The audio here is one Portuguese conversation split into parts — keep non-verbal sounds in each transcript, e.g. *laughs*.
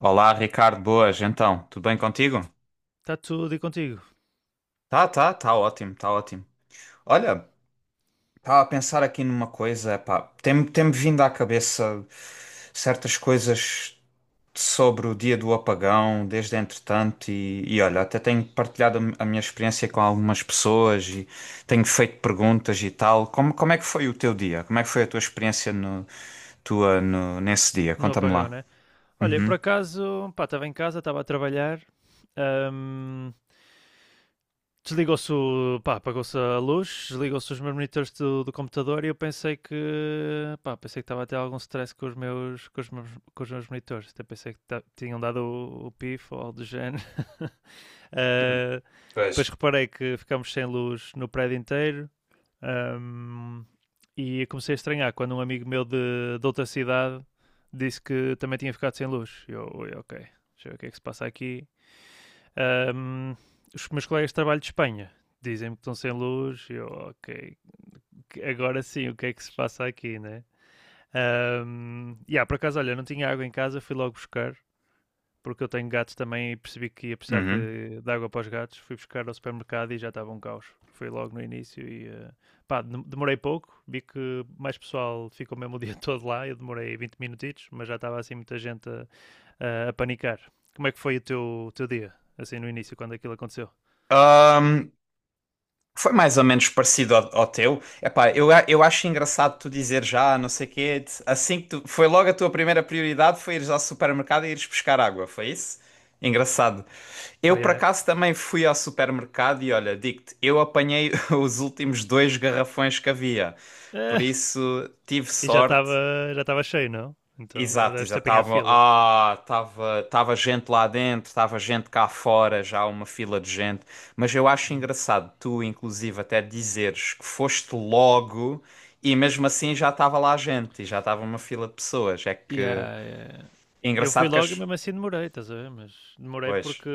Olá, Ricardo, boas, então, tudo bem contigo? Está tudo e contigo, Tá ótimo, tá ótimo. Olha, estava a pensar aqui numa coisa, pá, tem-me vindo à cabeça certas coisas sobre o dia do apagão, desde entretanto, e olha, até tenho partilhado a minha experiência com algumas pessoas e tenho feito perguntas e tal. Como é que foi o teu dia? Como é que foi a tua experiência no, tua, no, nesse dia? no Conta-me apagão, lá. né? Olha, Uhum. por acaso, pá, estava em casa, estava a trabalhar, ahm, desligou-se, pá, apagou-se a luz, desligou-se os meus monitores do computador e eu pensei que estava a ter algum stress com os meus monitores, até pensei que tinham dado o pif ou algo do género. *laughs* Ah, Pois. depois reparei que ficámos sem luz no prédio inteiro. Um, e comecei a estranhar quando um amigo meu de outra cidade disse que também tinha ficado sem luz. Eu, ok, deixa eu ver o que é que se passa aqui. Um, os meus colegas de trabalho de Espanha dizem-me que estão sem luz. Eu, ok, agora sim, o que é que se passa aqui, né? E yeah, por acaso, olha, não tinha água em casa, fui logo buscar porque eu tenho gatos também e percebi que ia precisar Uhum. de água para os gatos. Fui buscar ao supermercado e já estava um caos. Foi logo no início e pá, demorei pouco. Vi que mais pessoal ficou mesmo o dia *laughs* todo lá. Eu demorei 20 minutitos, mas já estava assim muita gente a panicar. Como é que foi o teu dia, assim no início, quando aquilo aconteceu? Ahm, Foi mais ou menos parecido ao teu. Epá, eu acho engraçado tu dizer já, não sei quê, assim que tu, foi logo a tua primeira prioridade foi ires ao supermercado e ires buscar água, foi isso? Engraçado. Eu Pá, por já é. acaso *laughs* também fui ao supermercado e olha, digo-te, eu apanhei *laughs* os últimos dois garrafões que havia. Por Eh, isso tive e já sorte. estava já estava cheio, não? Então já Exato, deves ter exato. apanhado Tava, fila. Tava, tava gente lá dentro, tava gente cá fora, já uma fila de gente. Mas eu acho engraçado tu, inclusive, até dizeres que foste logo e mesmo assim já estava lá gente e já estava uma fila de pessoas. É que Yeah, yeah. é Eu fui engraçado que logo e as. mesmo assim demorei, estás a ver? Mas demorei Pois. porque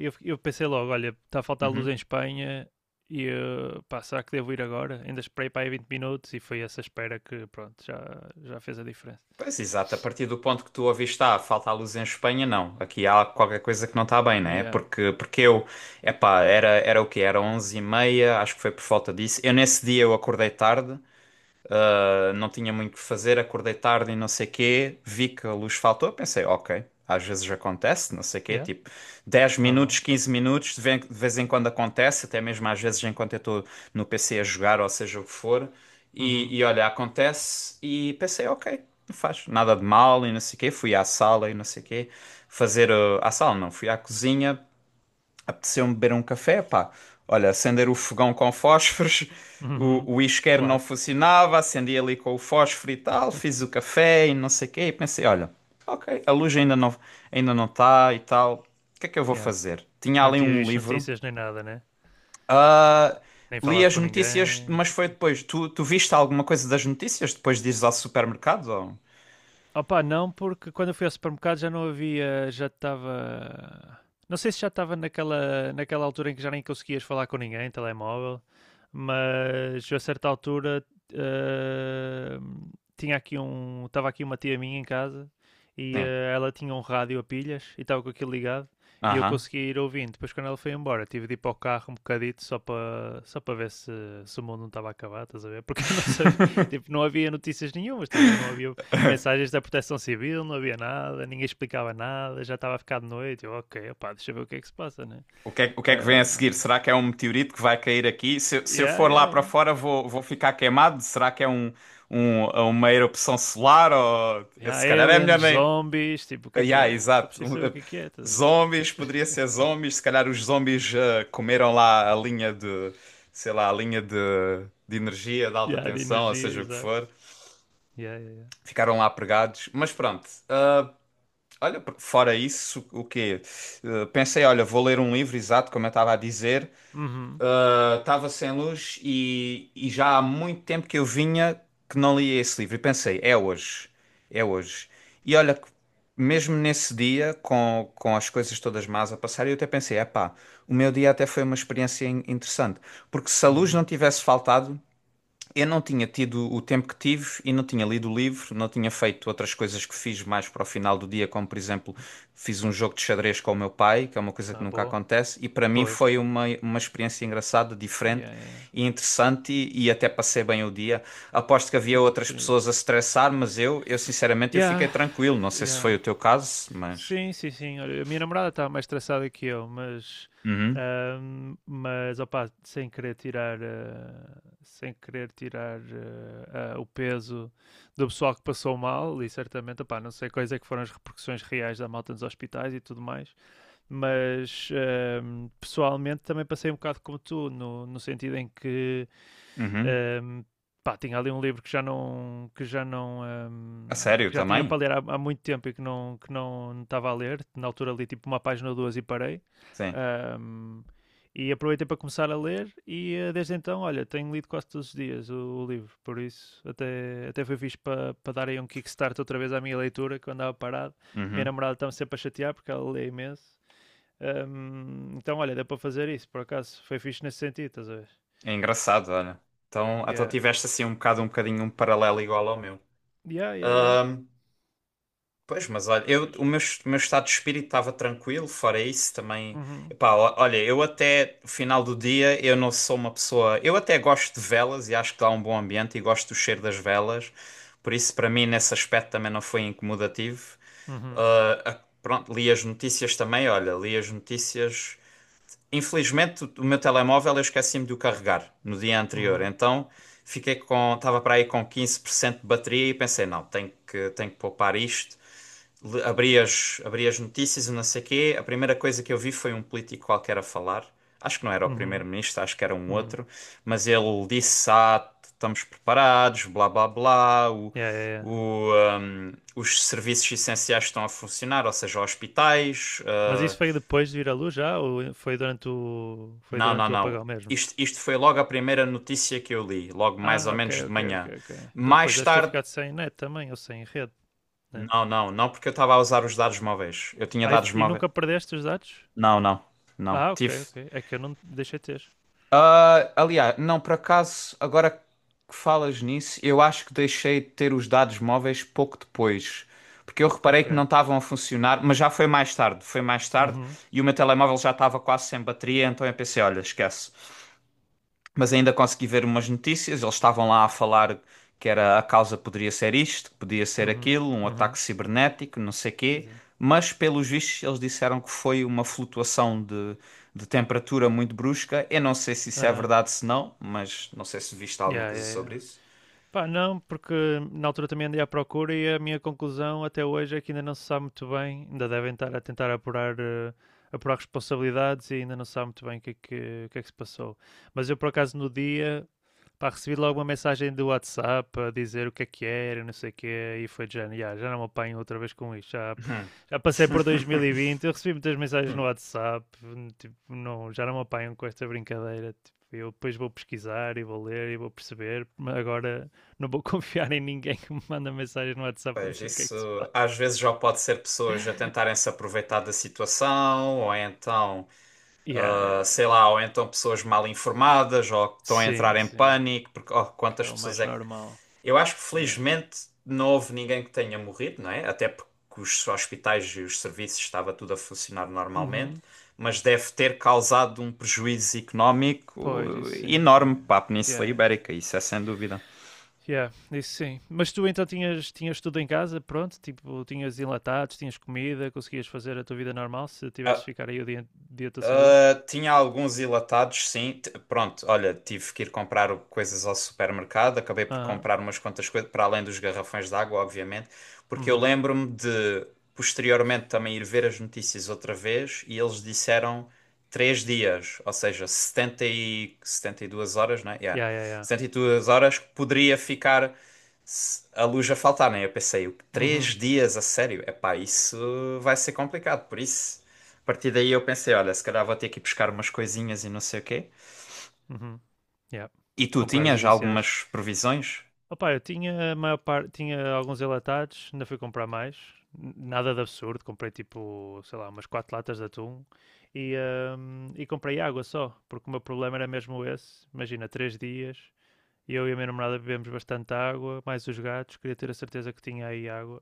eu pensei logo, olha, está a faltar luz em Uhum. Espanha e eu, pá, será que devo ir agora? Ainda esperei para aí 20 minutos e foi essa espera que, pronto, já fez a diferença. Pois, exato. A partir do ponto que tu ouviste, ah, falta a luz em Espanha, não. Aqui há qualquer coisa que não está bem, né? Yeah, Porque eu, epá, era, era o quê? Era onze e meia acho que foi por falta disso. Eu nesse dia eu acordei tarde. Não tinha muito o que fazer, acordei tarde e não sei quê, vi que a luz faltou, pensei, ok, às vezes acontece, não sei quê, yeah, tipo 10 minutos, normal. 15 minutos, de vez em quando acontece, até mesmo às vezes enquanto eu estou no PC a jogar, ou seja o que for, Uhum. e olha, acontece, e pensei, ok, não faz nada de mal e não sei quê, fui à sala e não sei quê, fazer, à sala não, fui à cozinha. Apeteceu-me beber um café, pá. Olha, acender o fogão com fósforos, *laughs* Uhum. O isqueiro não Clássico. funcionava, acendi ali com o fósforo e tal, fiz o café e não sei o quê, e pensei, olha, ok, a luz ainda não, ainda não está e tal, o que é que eu vou Yeah. fazer? Tinha Não ali tinhas um visto livro, notícias nem nada, né? ah, Nem li falado as com notícias, ninguém, não mas sei o foi quê. depois. Tu viste alguma coisa das notícias depois de ires ao supermercado? Ou... Opa, não, porque quando eu fui ao supermercado já não havia, já estava. Não sei se já estava naquela altura em que já nem conseguias falar com ninguém, telemóvel, mas a certa altura eh, estava aqui uma tia minha em casa e Sim. Ela tinha um rádio a pilhas e estava com aquilo ligado e eu Aham. consegui ir ouvindo. Depois quando ela foi embora, tive de ir para o carro um bocadito só para ver se o mundo não estava a acabar, estás a ver? *laughs* Porque eu não sabia, *laughs* tipo, não havia notícias nenhumas, estás a ver? Não havia *laughs* mensagens da Proteção Civil, não havia nada, ninguém explicava nada, já estava a ficar de noite. Eu, ok, opá, deixa eu ver o que é que se passa, né? O que é que vem a Uh, seguir? Será que é um meteorito que vai cair aqui? Se eu yeah, for yeah, lá para yeah. fora, vou, vou ficar queimado? Será que é um, uma erupção solar? Ou... Yeah, Se calhar é melhor aliens, nem. zombies, tipo, o que é que Yeah, é? Só exato. preciso saber o que é que é. Tá? Zombies, poderia ser zombies. Se calhar os zombies comeram lá a linha de, sei lá, a linha de energia de alta Yeah, de tensão, ou energia, seja o que exato. for. Yeah, yeah, yeah. Ficaram lá pregados. Mas pronto. Olha, fora isso, o quê? Pensei, olha, vou ler um livro, exato, como eu estava a dizer. Uhum, Estava sem luz e já há muito tempo que eu vinha que não lia esse livro. E pensei, é hoje, é hoje. E olha, que mesmo nesse dia, com as coisas todas más a passar, eu até pensei, epá, o meu dia até foi uma experiência interessante. Porque se a luz não uhum. tivesse faltado, eu não tinha tido o tempo que tive e não tinha lido o livro, não tinha feito outras coisas que fiz mais para o final do dia, como por exemplo, fiz um jogo de xadrez com o meu pai, que é uma coisa que Ah, nunca boa. acontece, e para mim Pois. foi uma experiência engraçada, Yeah, diferente yeah, yeah. e interessante e até passei bem o dia. Aposto que Foi havia uma outras oportunidade. pessoas a estressar, mas eu sinceramente eu fiquei Yeah, tranquilo. Não sei se yeah. foi o teu caso, mas. Sim, sim, sim. Olha, a minha namorada está mais traçada que eu, mas, Uhum, ahm, mas opa, sem querer tirar o peso do pessoal que passou mal, e certamente, opa, não sei quais é que foram as repercussões reais da malta nos hospitais e tudo mais, mas pessoalmente também passei um bocado como tu, no sentido em que uhum. um, pá, tinha ali um livro que já não A um, sério que já tinha para também? ler muito tempo e que não estava a ler. Na altura li tipo uma página ou duas e parei. Sim. Um, e aproveitei para começar a ler e desde então, olha, tenho lido quase todos os dias o livro, por isso até foi fixe para dar aí um kickstart outra vez à minha leitura, que eu andava parado. Minha Uhum. namorada estava sempre a chatear porque ela lê imenso. Então, olha, deu para fazer isso, por acaso, foi fixe nesse sentido, estás a ver? É engraçado, olha. Então Yeah. tiveste assim um bocado, um bocadinho um paralelo igual ao meu. Yeah, yeah, yeah. Ahm, pois, mas olha, Foi fixe. O meu estado de espírito estava tranquilo, fora isso também. Uhum, Epá, olha, eu até o final do dia eu não sou uma pessoa. Eu até gosto de velas e acho que dá um bom ambiente e gosto do cheiro das velas, por isso para mim nesse aspecto também não foi incomodativo. uhum, Pronto, li as notícias também, olha, li as notícias. Infelizmente, o meu telemóvel eu esqueci-me de o carregar no dia anterior, uhum, então fiquei com, estava para aí com 15% de bateria e pensei, não, tenho que poupar isto. Abri abri as notícias e não sei quê. A primeira coisa que eu vi foi um político qualquer a falar. Acho que não era o uhum, primeiro-ministro, acho que era um uhum. outro, mas ele disse, ah, estamos preparados, blá blá blá, Yeah, yeah, yeah. o, os serviços essenciais estão a funcionar, ou seja, hospitais, Mas isso ah, foi depois de vir à luz já ou foi durante o foi não, não, durante o não. apagão mesmo? Isto foi logo a primeira notícia que eu li, logo mais ou Ah, ok, menos de ok, ok, manhã. ok. Porque depois Mais deves ter tarde. ficado sem net também ou sem rede, né? Não, não, não, porque eu estava a usar os dados móveis. Eu tinha Ah, e, f- dados e móveis. nunca perdeste os dados? Não, não, não. Ah, ok, Tive. ok. É que eu não deixei ter. Ah, aliás, não, por acaso, agora que falas nisso, eu acho que deixei de ter os dados móveis pouco depois. Porque eu reparei que Ok. não estavam a funcionar, mas já foi mais tarde. Foi mais tarde Uhum, e o meu telemóvel já estava quase sem bateria, então eu pensei: olha, esquece. Mas ainda consegui ver umas notícias. Eles estavam lá a falar que era, a causa poderia ser isto, que podia ser uhum, aquilo, um ataque uhum. cibernético, não sei quê. Exato. Mas, pelos vistos, eles disseram que foi uma flutuação de temperatura muito brusca. Eu não sei se isso é Aham. verdade, se não, mas não sei se viste alguma Yeah, coisa yeah, yeah. sobre isso. Pá, não, porque na altura também andei à procura e a minha conclusão até hoje é que ainda não se sabe muito bem, ainda devem estar a tentar apurar, apurar responsabilidades e ainda não se sabe muito bem o que é que se passou. Mas eu, por acaso, no dia, pá, recebi logo uma mensagem do WhatsApp a dizer o que é que era, não sei o quê, e foi de género: "Ya, já não me apanho outra vez com isto, já, Hum. já passei por *laughs* 2020." Eu recebi muitas mensagens no Hum. WhatsApp, tipo, não, já não me apanham com esta brincadeira, tipo, eu depois vou pesquisar e vou ler e vou perceber, mas agora não vou *laughs* confiar em ninguém que me manda mensagem no WhatsApp a Pois dizer o que é isso que se passa. às vezes já pode ser pessoas a tentarem se aproveitar da situação, ou então Yeah, yeah. ah, sei lá, ou então pessoas mal informadas, ou que estão a entrar Sim, em sim, pânico, porque oh, que é quantas o pessoas mais é que. normal, Eu acho que yeah. felizmente não houve ninguém que tenha morrido, não é? Até porque os hospitais e os serviços estava tudo a funcionar normalmente, Uhum. mas deve ter causado um prejuízo económico Pois, isso sim, yeah, enorme yeah. para a Península Yeah, yeah. Ibérica, isso é sem dúvida. Yeah, isso sim. Mas tu então tinhas tudo em casa, pronto? Tipo, tinhas enlatados, tinhas comida, conseguias fazer a tua vida normal se tivesse de A, ficar aí o dia todo sem luz? Tinha alguns enlatados, sim. Pronto, olha, tive que ir comprar coisas ao supermercado. Acabei por Ah, comprar umas quantas coisas, para além dos garrafões de água, obviamente, porque eu uhum. lembro-me de posteriormente também ir ver as notícias outra vez e eles disseram três dias, ou seja, 72 horas, né? Yeah. Yeah, yeah, yeah. Setenta e duas horas que poderia ficar se a luz a faltar, né? Eu pensei, três Uhum, dias a sério? Epá, isso vai ser complicado, por isso. A partir daí eu pensei, olha, se calhar vou ter que ir buscar umas coisinhas e não sei o quê. uhum. Yeah. E tu Comprar os tinhas essenciais. algumas provisões? Opa, eu tinha a maior parte, tinha alguns enlatados, ainda fui comprar mais. N- Nada de absurdo, comprei tipo, sei lá, umas quatro latas de atum e comprei água só, porque o meu problema era mesmo esse. Imagina, 3 dias. Eu e a minha namorada bebemos bastante água, mais os gatos, queria ter a certeza que tinha aí água.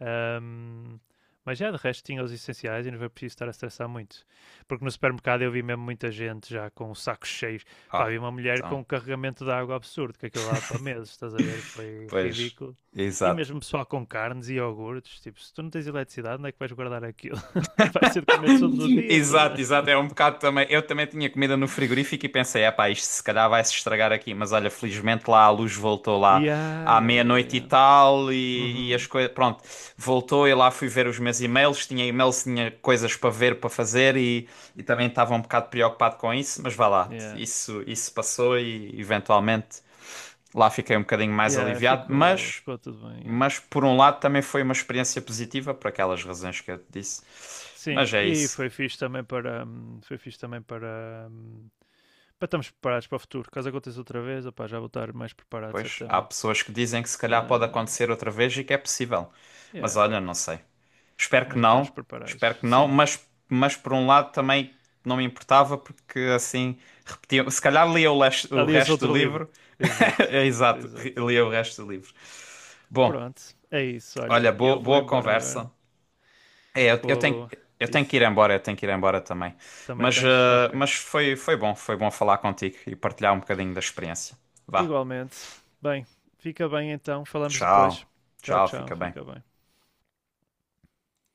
Ahm, mas já, de resto tinha os essenciais e não foi preciso estar a estressar muito. Porque no supermercado eu vi mesmo muita gente já com sacos cheios. Pá, Ah, vi uma mulher com então, um carregamento de água absurdo, que aquilo lá para meses, estás a ver? Foi pois, ridículo. E exato. mesmo pessoal com carnes e iogurtes, tipo, se tu não tens eletricidade, onde é que vais guardar aquilo? *laughs* Vais ter de comer todo no *laughs* dia. Tudo. Exato, exato, é um bocado também. Eu também tinha comida no frigorífico e pensei, é pá, isto se calhar vai se estragar aqui, mas olha, felizmente lá a luz voltou lá Yeah, à yeah, yeah, yeah, meia-noite e yeah. tal e as Uhum. coisas, pronto, voltou e lá fui ver os meus e-mails, tinha coisas para ver, para fazer e também estava um bocado preocupado com isso, mas vá lá, Yeah. Isso passou e eventualmente lá fiquei um bocadinho mais Yeah, aliviado, ficou, ficou tudo bem, yeah. mas por um lado também foi uma experiência positiva por aquelas razões que eu te disse, Sim, mas é e isso. foi fixe também para foi fixe também para, para estarmos preparados para o futuro. Caso aconteça outra vez, opá, já vou estar mais preparado Pois, há certamente. pessoas que dizem que se calhar pode Ah, acontecer outra vez e que é possível. Mas yeah, olha, não sei. Espero que mas já estamos não, espero preparados. que não, Sim. Mas por um lado também não me importava porque assim repetia. Se calhar lia o Aliás, resto do outro livro. livro. Exato. *laughs* Exato, Exato. lia o resto do livro. Bom, Pronto, é isso, olha, olha. Eu boa, vou boa embora agora. conversa. É, eu, eu Boa, tenho, boa. eu tenho que ir Isso. embora, eu tenho que ir embora também. Também tens? Ok. Mas foi, foi bom falar contigo e partilhar um bocadinho da experiência. Vá, Igualmente. Bem, fica bem então. Falamos depois. tchau, Tchau, tchau, tchau. fica bem. Fica bem.